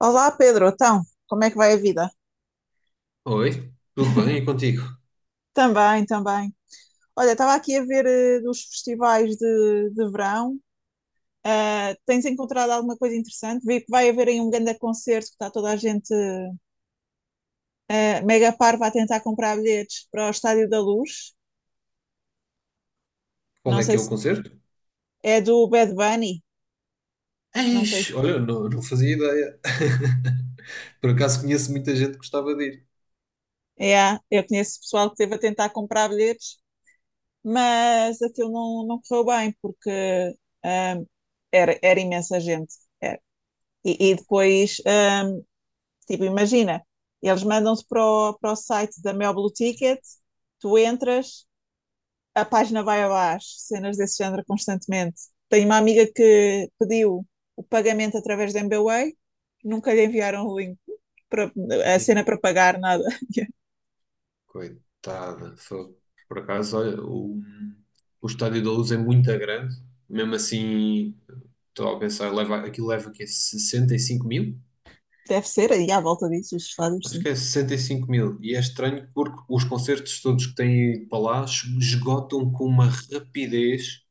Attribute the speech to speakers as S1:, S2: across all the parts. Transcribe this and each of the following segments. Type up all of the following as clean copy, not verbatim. S1: Olá, Pedro. Então, como é que vai a vida?
S2: Oi, tudo bem? E contigo?
S1: Também, também. Olha, estava aqui a ver dos festivais de verão. Tens encontrado alguma coisa interessante? Vi que vai haver aí um grande concerto que está toda a gente mega parva a tentar comprar bilhetes para o Estádio da Luz.
S2: Qual
S1: Não
S2: é que
S1: sei
S2: é o
S1: se
S2: concerto?
S1: é do Bad Bunny. Não sei.
S2: Eis, olha, não, não fazia ideia. Por acaso conheço muita gente que gostava de ir.
S1: É, eu conheço pessoal que esteve a tentar comprar bilhetes, mas aquilo não correu bem porque ah, era imensa gente. Era. E depois, tipo, imagina, eles mandam-se para para o site da Mel Blue Ticket, tu entras, a página vai abaixo, cenas desse género constantemente. Tenho uma amiga que pediu o pagamento através da MBWay, nunca lhe enviaram o link, para, a
S2: Ei,
S1: cena para pagar, nada.
S2: coitada, fogo. Por acaso, olha, o Estádio da Luz é muito grande. Mesmo assim, estou a pensar, leva, aquilo leva o quê? 65 mil?
S1: Deve ser aí à volta disso, os fados,
S2: Acho
S1: sim.
S2: que é 65 mil. E é estranho porque os concertos todos que têm ido para lá esgotam com uma rapidez.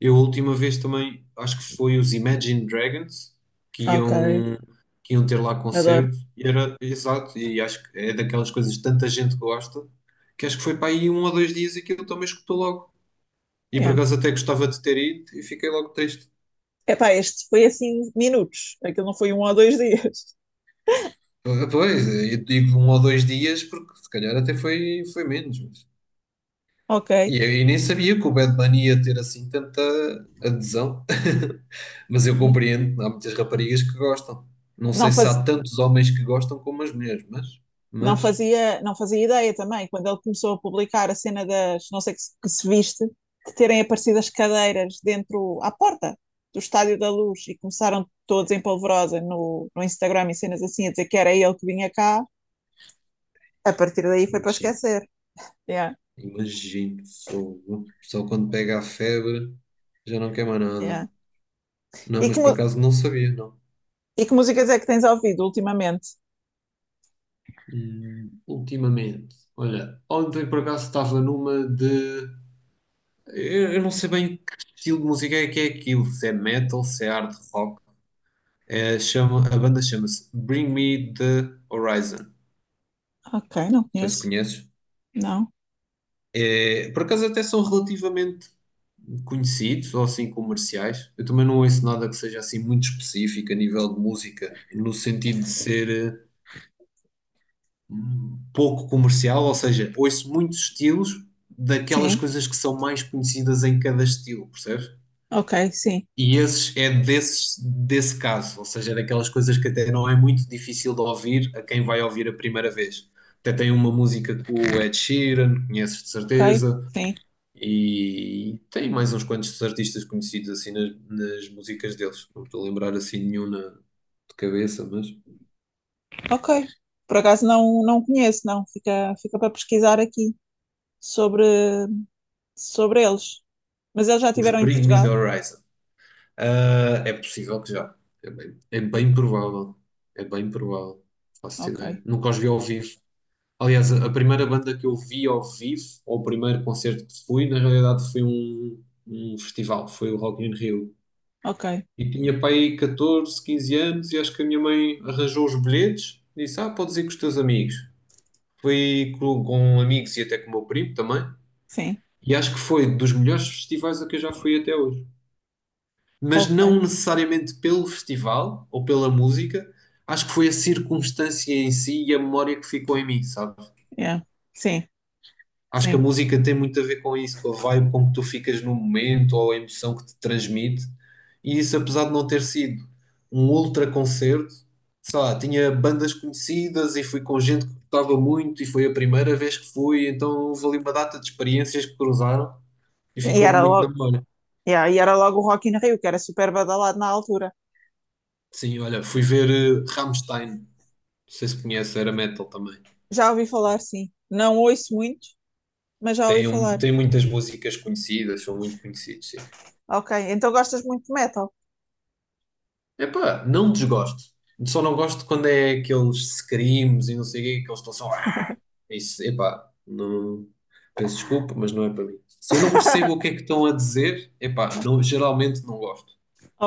S2: Eu a última vez também, acho que foi os Imagine Dragons que
S1: Ok,
S2: iam, que iam ter lá
S1: adoro.
S2: concerto e era exato, e acho que é daquelas coisas que tanta gente gosta, que acho que foi para aí um ou dois dias e que eu também escutou logo. E por
S1: É.
S2: acaso até gostava de ter ido e fiquei logo triste.
S1: Epá, este foi assim minutos, aquilo não foi um ou dois dias.
S2: Ah, pois, eu digo um ou dois dias porque se calhar até foi menos.
S1: Ok.
S2: E eu nem sabia que o Bad Bunny ia ter assim tanta adesão, mas eu compreendo, há muitas raparigas que gostam. Não sei
S1: Não
S2: se há
S1: faz...
S2: tantos homens que gostam como as mulheres, mas, mas,
S1: não fazia ideia também, quando ele começou a publicar a cena das, não sei que se viste, de terem aparecido as cadeiras dentro, à porta do Estádio da Luz e começaram todos em polvorosa no Instagram e cenas assim a dizer que era ele que vinha cá, a partir daí foi para
S2: imagino,
S1: esquecer. Yeah,
S2: imagino, fogo. Só quando pega a febre já não quer mais nada.
S1: yeah.
S2: Não,
S1: E,
S2: mas
S1: que,
S2: por acaso não sabia, não.
S1: e que músicas é que tens ouvido ultimamente?
S2: Ultimamente, olha, ontem por acaso estava numa de. Eu não sei bem que estilo de música é que é aquilo, se é metal, se é hard rock. A banda chama-se Bring Me the Horizon. Não
S1: Ok, não
S2: sei se
S1: conheço.
S2: conheces.
S1: Não.
S2: É, por acaso até são relativamente conhecidos ou assim comerciais. Eu também não ouço nada que seja assim muito específico a nível de música, no sentido de ser pouco comercial, ou seja, ouço muitos estilos daquelas
S1: Sim.
S2: coisas que são mais conhecidas em cada estilo, percebes?
S1: Ok, sim.
S2: E esses é desses, desse caso, ou seja, é daquelas coisas que até não é muito difícil de ouvir a quem vai ouvir a primeira vez. Até tem uma música com o Ed Sheeran, conheces de
S1: Ok,
S2: certeza,
S1: sim.
S2: e tem mais uns quantos artistas conhecidos assim nas músicas deles. Não estou a lembrar assim nenhum de cabeça, mas
S1: Ok. Por acaso não conheço, não. Fica, fica para pesquisar aqui sobre. Sobre eles. Mas eles já
S2: os
S1: estiveram em
S2: Bring Me the
S1: Portugal?
S2: Horizon. Ah, é possível que já. É bem provável. É bem provável. Faço
S1: Ok,
S2: ideia. Nunca os vi ao vivo. Aliás, a primeira banda que eu vi ao vivo, ou o primeiro concerto que fui, na realidade foi um festival, foi o Rock in Rio.
S1: ok,
S2: E tinha pai 14, 15 anos e acho que a minha mãe arranjou os bilhetes e disse, ah, podes ir com os teus amigos. Fui com amigos e até com o meu primo também.
S1: sim,
S2: E acho que foi dos melhores festivais a que eu já fui até hoje. Mas
S1: ok,
S2: não necessariamente pelo festival ou pela música, acho que foi a circunstância em si e a memória que ficou em mim, sabe?
S1: yeah. Sim,
S2: Acho que a
S1: sim.
S2: música tem muito a ver com isso, com a vibe com que tu ficas no momento ou a emoção que te transmite. E isso, apesar de não ter sido um ultra concerto, sei lá, tinha bandas conhecidas e fui com gente que gostava muito e foi a primeira vez que fui, então houve ali uma data de experiências que cruzaram e
S1: E
S2: ficou
S1: era
S2: muito na
S1: logo,
S2: memória.
S1: yeah, e era logo o Rock in Rio, que era super badalado na altura.
S2: Sim, olha, fui ver Rammstein, não sei se conhece, era metal também.
S1: Já ouvi falar, sim. Não ouço muito, mas já ouvi
S2: Tem, um,
S1: falar.
S2: tem muitas músicas conhecidas, são muito conhecidos, sim.
S1: Ok, então gostas muito de metal?
S2: Epá, não desgosto. Só não gosto quando é aqueles screams e não sei o quê, que eles estão só. "Ah!" Isso, epá, não. Peço desculpa, mas não é para mim. Se eu não percebo o que é que estão a dizer, epá, não, geralmente não gosto.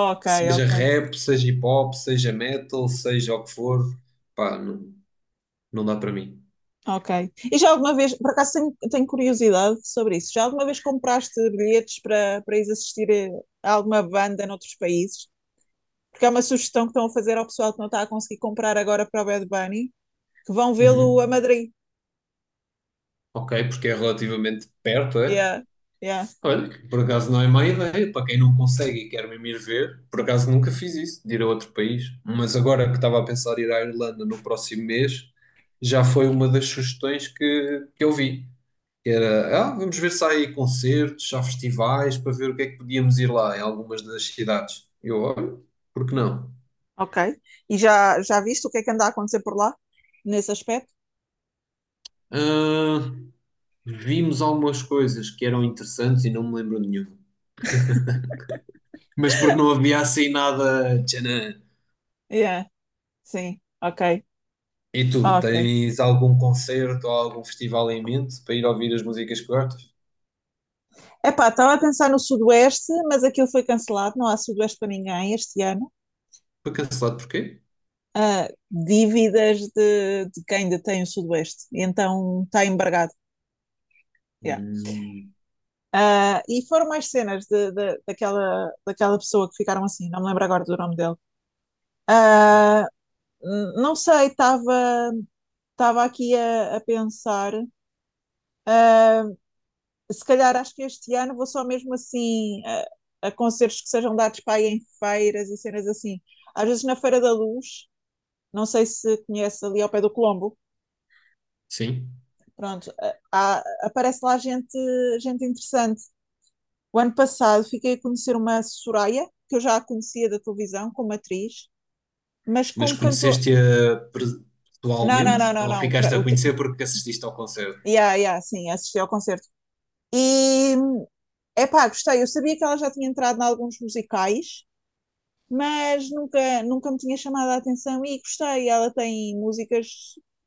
S1: Ok,
S2: Seja
S1: ok,
S2: rap, seja hip hop, seja metal, seja o que for, pá, não, não dá para mim.
S1: ok. E já alguma vez, por acaso tenho, tenho curiosidade sobre isso, já alguma vez compraste bilhetes para ir assistir a alguma banda noutros países? Porque é uma sugestão que estão a fazer ao pessoal que não está a conseguir comprar agora para o Bad Bunny, que vão vê-lo a
S2: Uhum.
S1: Madrid.
S2: Ok, porque é relativamente perto, é?
S1: Yeah, yeah.
S2: Olha, por acaso não é má ideia, para quem não consegue e quer mesmo ir ver, por acaso nunca fiz isso, de ir a outro país, mas agora que estava a pensar ir à Irlanda no próximo mês, já foi uma das sugestões que eu vi, que era, ah, vamos ver se há aí concertos, se há festivais, para ver o que é que podíamos ir lá em algumas das cidades. Eu, olha, por que não?
S1: Ok. E já, já viste o que é que anda a acontecer por lá? Nesse aspecto?
S2: Ah, vimos algumas coisas que eram interessantes e não me lembro de nenhuma. Mas porque não havia assim nada, tchanã.
S1: Yeah, sim, ok.
S2: E tu,
S1: Ok.
S2: tens algum concerto ou algum festival em mente para ir ouvir as músicas que gostas?
S1: Epá, estava a pensar no Sudoeste, mas aquilo foi cancelado, não há Sudoeste para ninguém este ano.
S2: Foi cancelado porquê?
S1: Ah, dívidas de quem detém o Sudoeste, e então está embargado. Yeah.
S2: Hum,
S1: Ah, e foram mais cenas daquela pessoa que ficaram assim, não me lembro agora do nome dele. Ah, não sei, estava aqui a pensar. Se calhar acho que este ano vou só mesmo assim a concertos que sejam dados para aí em feiras e cenas assim. Às vezes na Feira da Luz, não sei se conhece ali ao pé do Colombo,
S2: sim.
S1: pronto, aparece lá gente, gente interessante. O ano passado fiquei a conhecer uma Soraya, que eu já a conhecia da televisão como atriz, mas
S2: Mas
S1: como cantor.
S2: conheceste-a
S1: Não, não,
S2: pessoalmente
S1: não, não,
S2: ou
S1: não.
S2: ficaste a conhecer porque assististe ao concerto?
S1: Yeah, yeah, sim, assisti ao concerto. E epá, gostei. Eu sabia que ela já tinha entrado em alguns musicais, mas nunca me tinha chamado a atenção e gostei. Ela tem músicas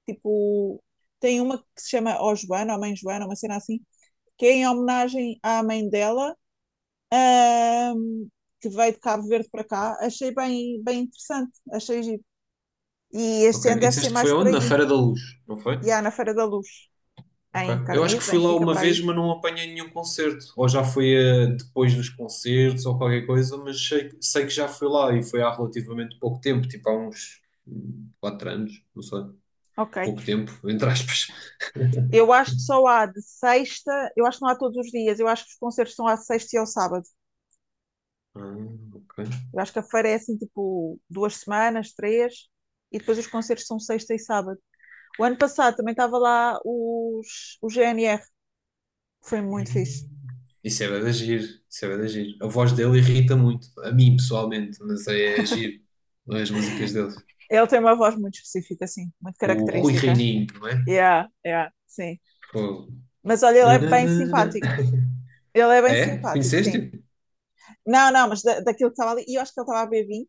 S1: tipo. Tem uma que se chama Ó Joana, ou Mãe Joana, uma cena assim, que é em homenagem à mãe dela, ahm, que veio de Cabo Verde para cá. Achei bem, bem interessante, achei giro. E
S2: Ok.
S1: este
S2: E
S1: ano deve ser
S2: disseste que foi
S1: mais por
S2: onde? Na
S1: aí.
S2: Feira da Luz, não foi?
S1: E há na Feira da Luz,
S2: Ok.
S1: em
S2: Eu acho que
S1: Carnido,
S2: fui lá
S1: Benfica,
S2: uma
S1: para
S2: vez,
S1: aí.
S2: mas não apanhei nenhum concerto. Ou já foi depois dos concertos ou qualquer coisa, mas sei, sei que já fui lá e foi há relativamente pouco tempo, tipo há uns 4 anos, não sei.
S1: Ok.
S2: Pouco tempo, entre aspas.
S1: Eu acho que só há de sexta, eu acho que não há todos os dias, eu acho que os concertos são à sexta e ao sábado.
S2: Ah, ok.
S1: Eu acho que a feira é assim, tipo, duas semanas, três, e depois os concertos são sexta e sábado. O ano passado também estava lá o GNR, foi muito fixe.
S2: Hum. Isso é bué de agir, isso é bué de agir. A voz dele irrita muito, a mim pessoalmente, mas é agir as músicas dele.
S1: Ele tem uma voz muito específica, assim, muito
S2: O Rui
S1: característica.
S2: Reininho, não é?
S1: Yeah, yeah, sim.
S2: Fogo.
S1: Mas olha, ele é bem
S2: Nananana.
S1: simpático. Ele é bem
S2: É?
S1: simpático, sim.
S2: Conheceste-o?
S1: Não, não, mas daquilo que estava ali, e eu acho que ele estava a beber vinho,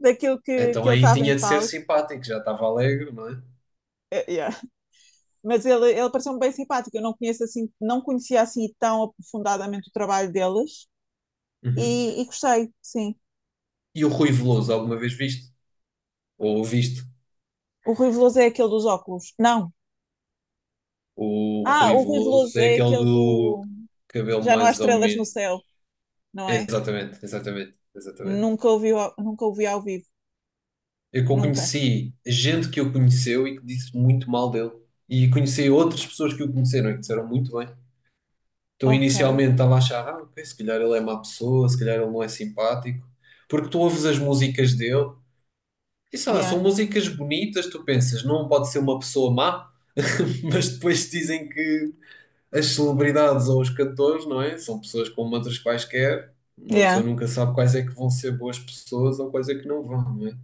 S1: daquilo que
S2: Então
S1: ele
S2: aí
S1: estava em
S2: tinha de ser
S1: palco,
S2: simpático, já estava alegre, não é?
S1: yeah. Mas ele pareceu-me bem simpático. Eu não conheço assim, não conhecia assim tão aprofundadamente o trabalho deles
S2: Uhum.
S1: e gostei, sim.
S2: E o Rui Veloso, alguma vez viste? Ou ouviste?
S1: O Rui Veloso é aquele dos óculos. Não.
S2: O
S1: Ah,
S2: Rui
S1: o Rui
S2: Veloso
S1: Veloso
S2: é
S1: é
S2: aquele
S1: aquele
S2: do
S1: do
S2: cabelo
S1: Já não há
S2: mais ou
S1: estrelas no
S2: menos.
S1: céu, não é?
S2: Exatamente, exatamente, exatamente.
S1: Nunca ouvi ao vivo,
S2: Eu
S1: nunca.
S2: conheci gente que o conheceu e que disse muito mal dele. E conheci outras pessoas que o conheceram e que disseram muito bem. Então,
S1: Ok.
S2: inicialmente estava a achar, ah, ok, se calhar ele é má pessoa, se calhar ele não é simpático. Porque tu ouves as músicas dele e sei lá,
S1: Yeah,
S2: são músicas bonitas, tu pensas, não pode ser uma pessoa má, mas depois dizem que as celebridades ou os cantores, não é? São pessoas como outras quaisquer. Uma pessoa
S1: yeah.
S2: nunca sabe quais é que vão ser boas pessoas ou quais é que não vão, não é?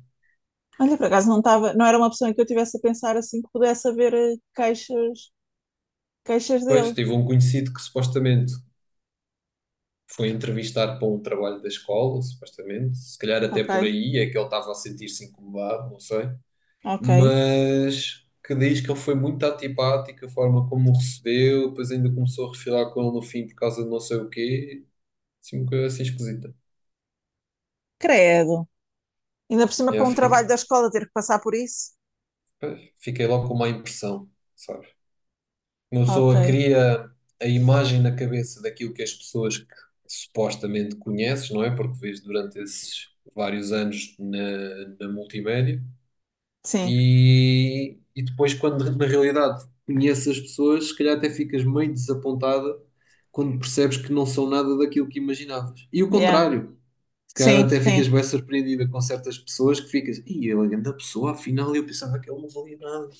S1: Olha, por acaso não estava, não era uma opção em que eu tivesse a pensar assim que pudesse haver queixas, queixas
S2: Pois,
S1: dele.
S2: tive um conhecido que supostamente foi entrevistar para um trabalho da escola, supostamente. Se calhar até
S1: Ok,
S2: por aí é que ele estava a sentir-se incomodado, não sei.
S1: ok.
S2: Mas que diz que ele foi muito antipático, a forma como o recebeu, depois ainda começou a refilar com ele no fim por causa de não sei o quê. Assim, uma coisa assim esquisita.
S1: Credo. Ainda por cima
S2: Já
S1: para um trabalho
S2: fiquei,
S1: da escola ter que passar por isso.
S2: Fiquei logo com má impressão, sabe? Uma
S1: Ok,
S2: pessoa cria a imagem na cabeça daquilo que as pessoas que supostamente conheces, não é? Porque vês durante esses vários anos na multimédia.
S1: sim,
S2: E depois, quando na realidade conheces as pessoas, se calhar até ficas meio desapontada quando percebes que não são nada daquilo que imaginavas. E o
S1: yeah,
S2: contrário, se calhar
S1: sim,
S2: até
S1: sim,
S2: ficas bem surpreendida com certas pessoas que ficas, e ele é grande pessoa, afinal eu pensava que ele não valia nada.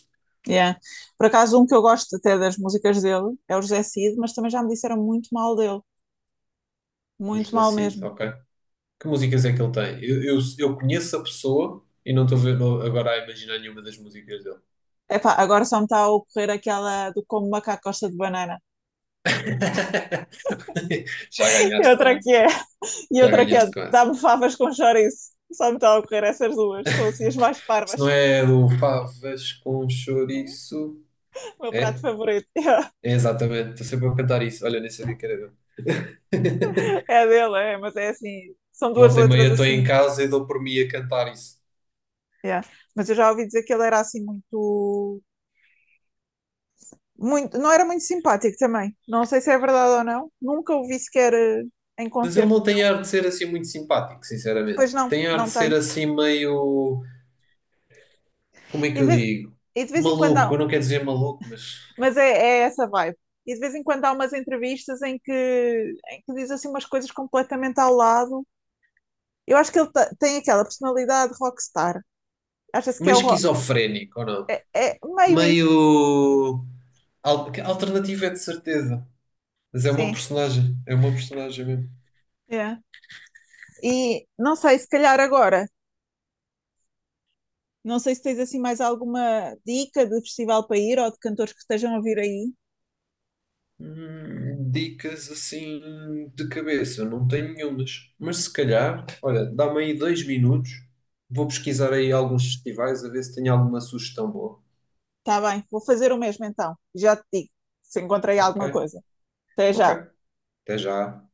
S1: yeah. Por acaso, um que eu gosto até das músicas dele é o José Cid, mas também já me disseram muito mal dele,
S2: Do
S1: muito
S2: José
S1: mal
S2: Cid,
S1: mesmo.
S2: ok. Que músicas é que ele tem? Eu conheço a pessoa e não estou agora a imaginar nenhuma das músicas dele.
S1: Epá, agora só me está a ocorrer aquela do como macaco gosta de banana.
S2: Já
S1: E
S2: ganhaste com
S1: outra que
S2: essa.
S1: é, e
S2: Já
S1: outra que é,
S2: ganhaste com essa.
S1: dá-me favas com chouriço. Só me está a ocorrer essas duas, são assim as mais
S2: Se não
S1: parvas.
S2: é do Favas com chouriço.
S1: O meu prato
S2: É?
S1: favorito.
S2: É exatamente, estou sempre a cantar isso. Olha, nem sabia que era dele.
S1: É dele, é, mas é assim, são duas
S2: Volta e meia
S1: letras
S2: estou em
S1: assim.
S2: casa e dou por mim a cantar isso.
S1: Yeah. Mas eu já ouvi dizer que ele era assim muito. Muito, não era muito simpático também. Não sei se é verdade ou não. Nunca o vi sequer em
S2: Mas ele
S1: concerto
S2: não tem
S1: nenhum.
S2: ar de ser assim muito simpático, sinceramente.
S1: Pois não,
S2: Tem ar
S1: não
S2: de ser
S1: tem.
S2: assim meio. Como é
S1: E
S2: que
S1: de
S2: eu
S1: vez,
S2: digo?
S1: e de vez em quando há,
S2: Maluco, eu não quero dizer maluco, mas.
S1: mas é essa vibe. E de vez em quando há umas entrevistas em que diz assim umas coisas completamente ao lado. Eu acho que tem aquela personalidade rockstar. Acha-se que
S2: Meio
S1: é o rock.
S2: esquizofrénico, ou não?
S1: É meio isso,
S2: Meio. Alternativo é de certeza. Mas
S1: sim.
S2: é uma personagem mesmo.
S1: Yeah. E não sei, se calhar agora, não sei se tens assim mais alguma dica de festival para ir ou de cantores que estejam a vir aí.
S2: Dicas assim de cabeça, não tenho nenhumas. Mas se calhar, olha, dá-me aí 2 minutos, vou pesquisar aí alguns festivais a ver se tenho alguma sugestão boa.
S1: Está bem, vou fazer o mesmo então. Já te digo se encontrei
S2: Ok,
S1: alguma coisa. Até
S2: ok,
S1: já.
S2: até já.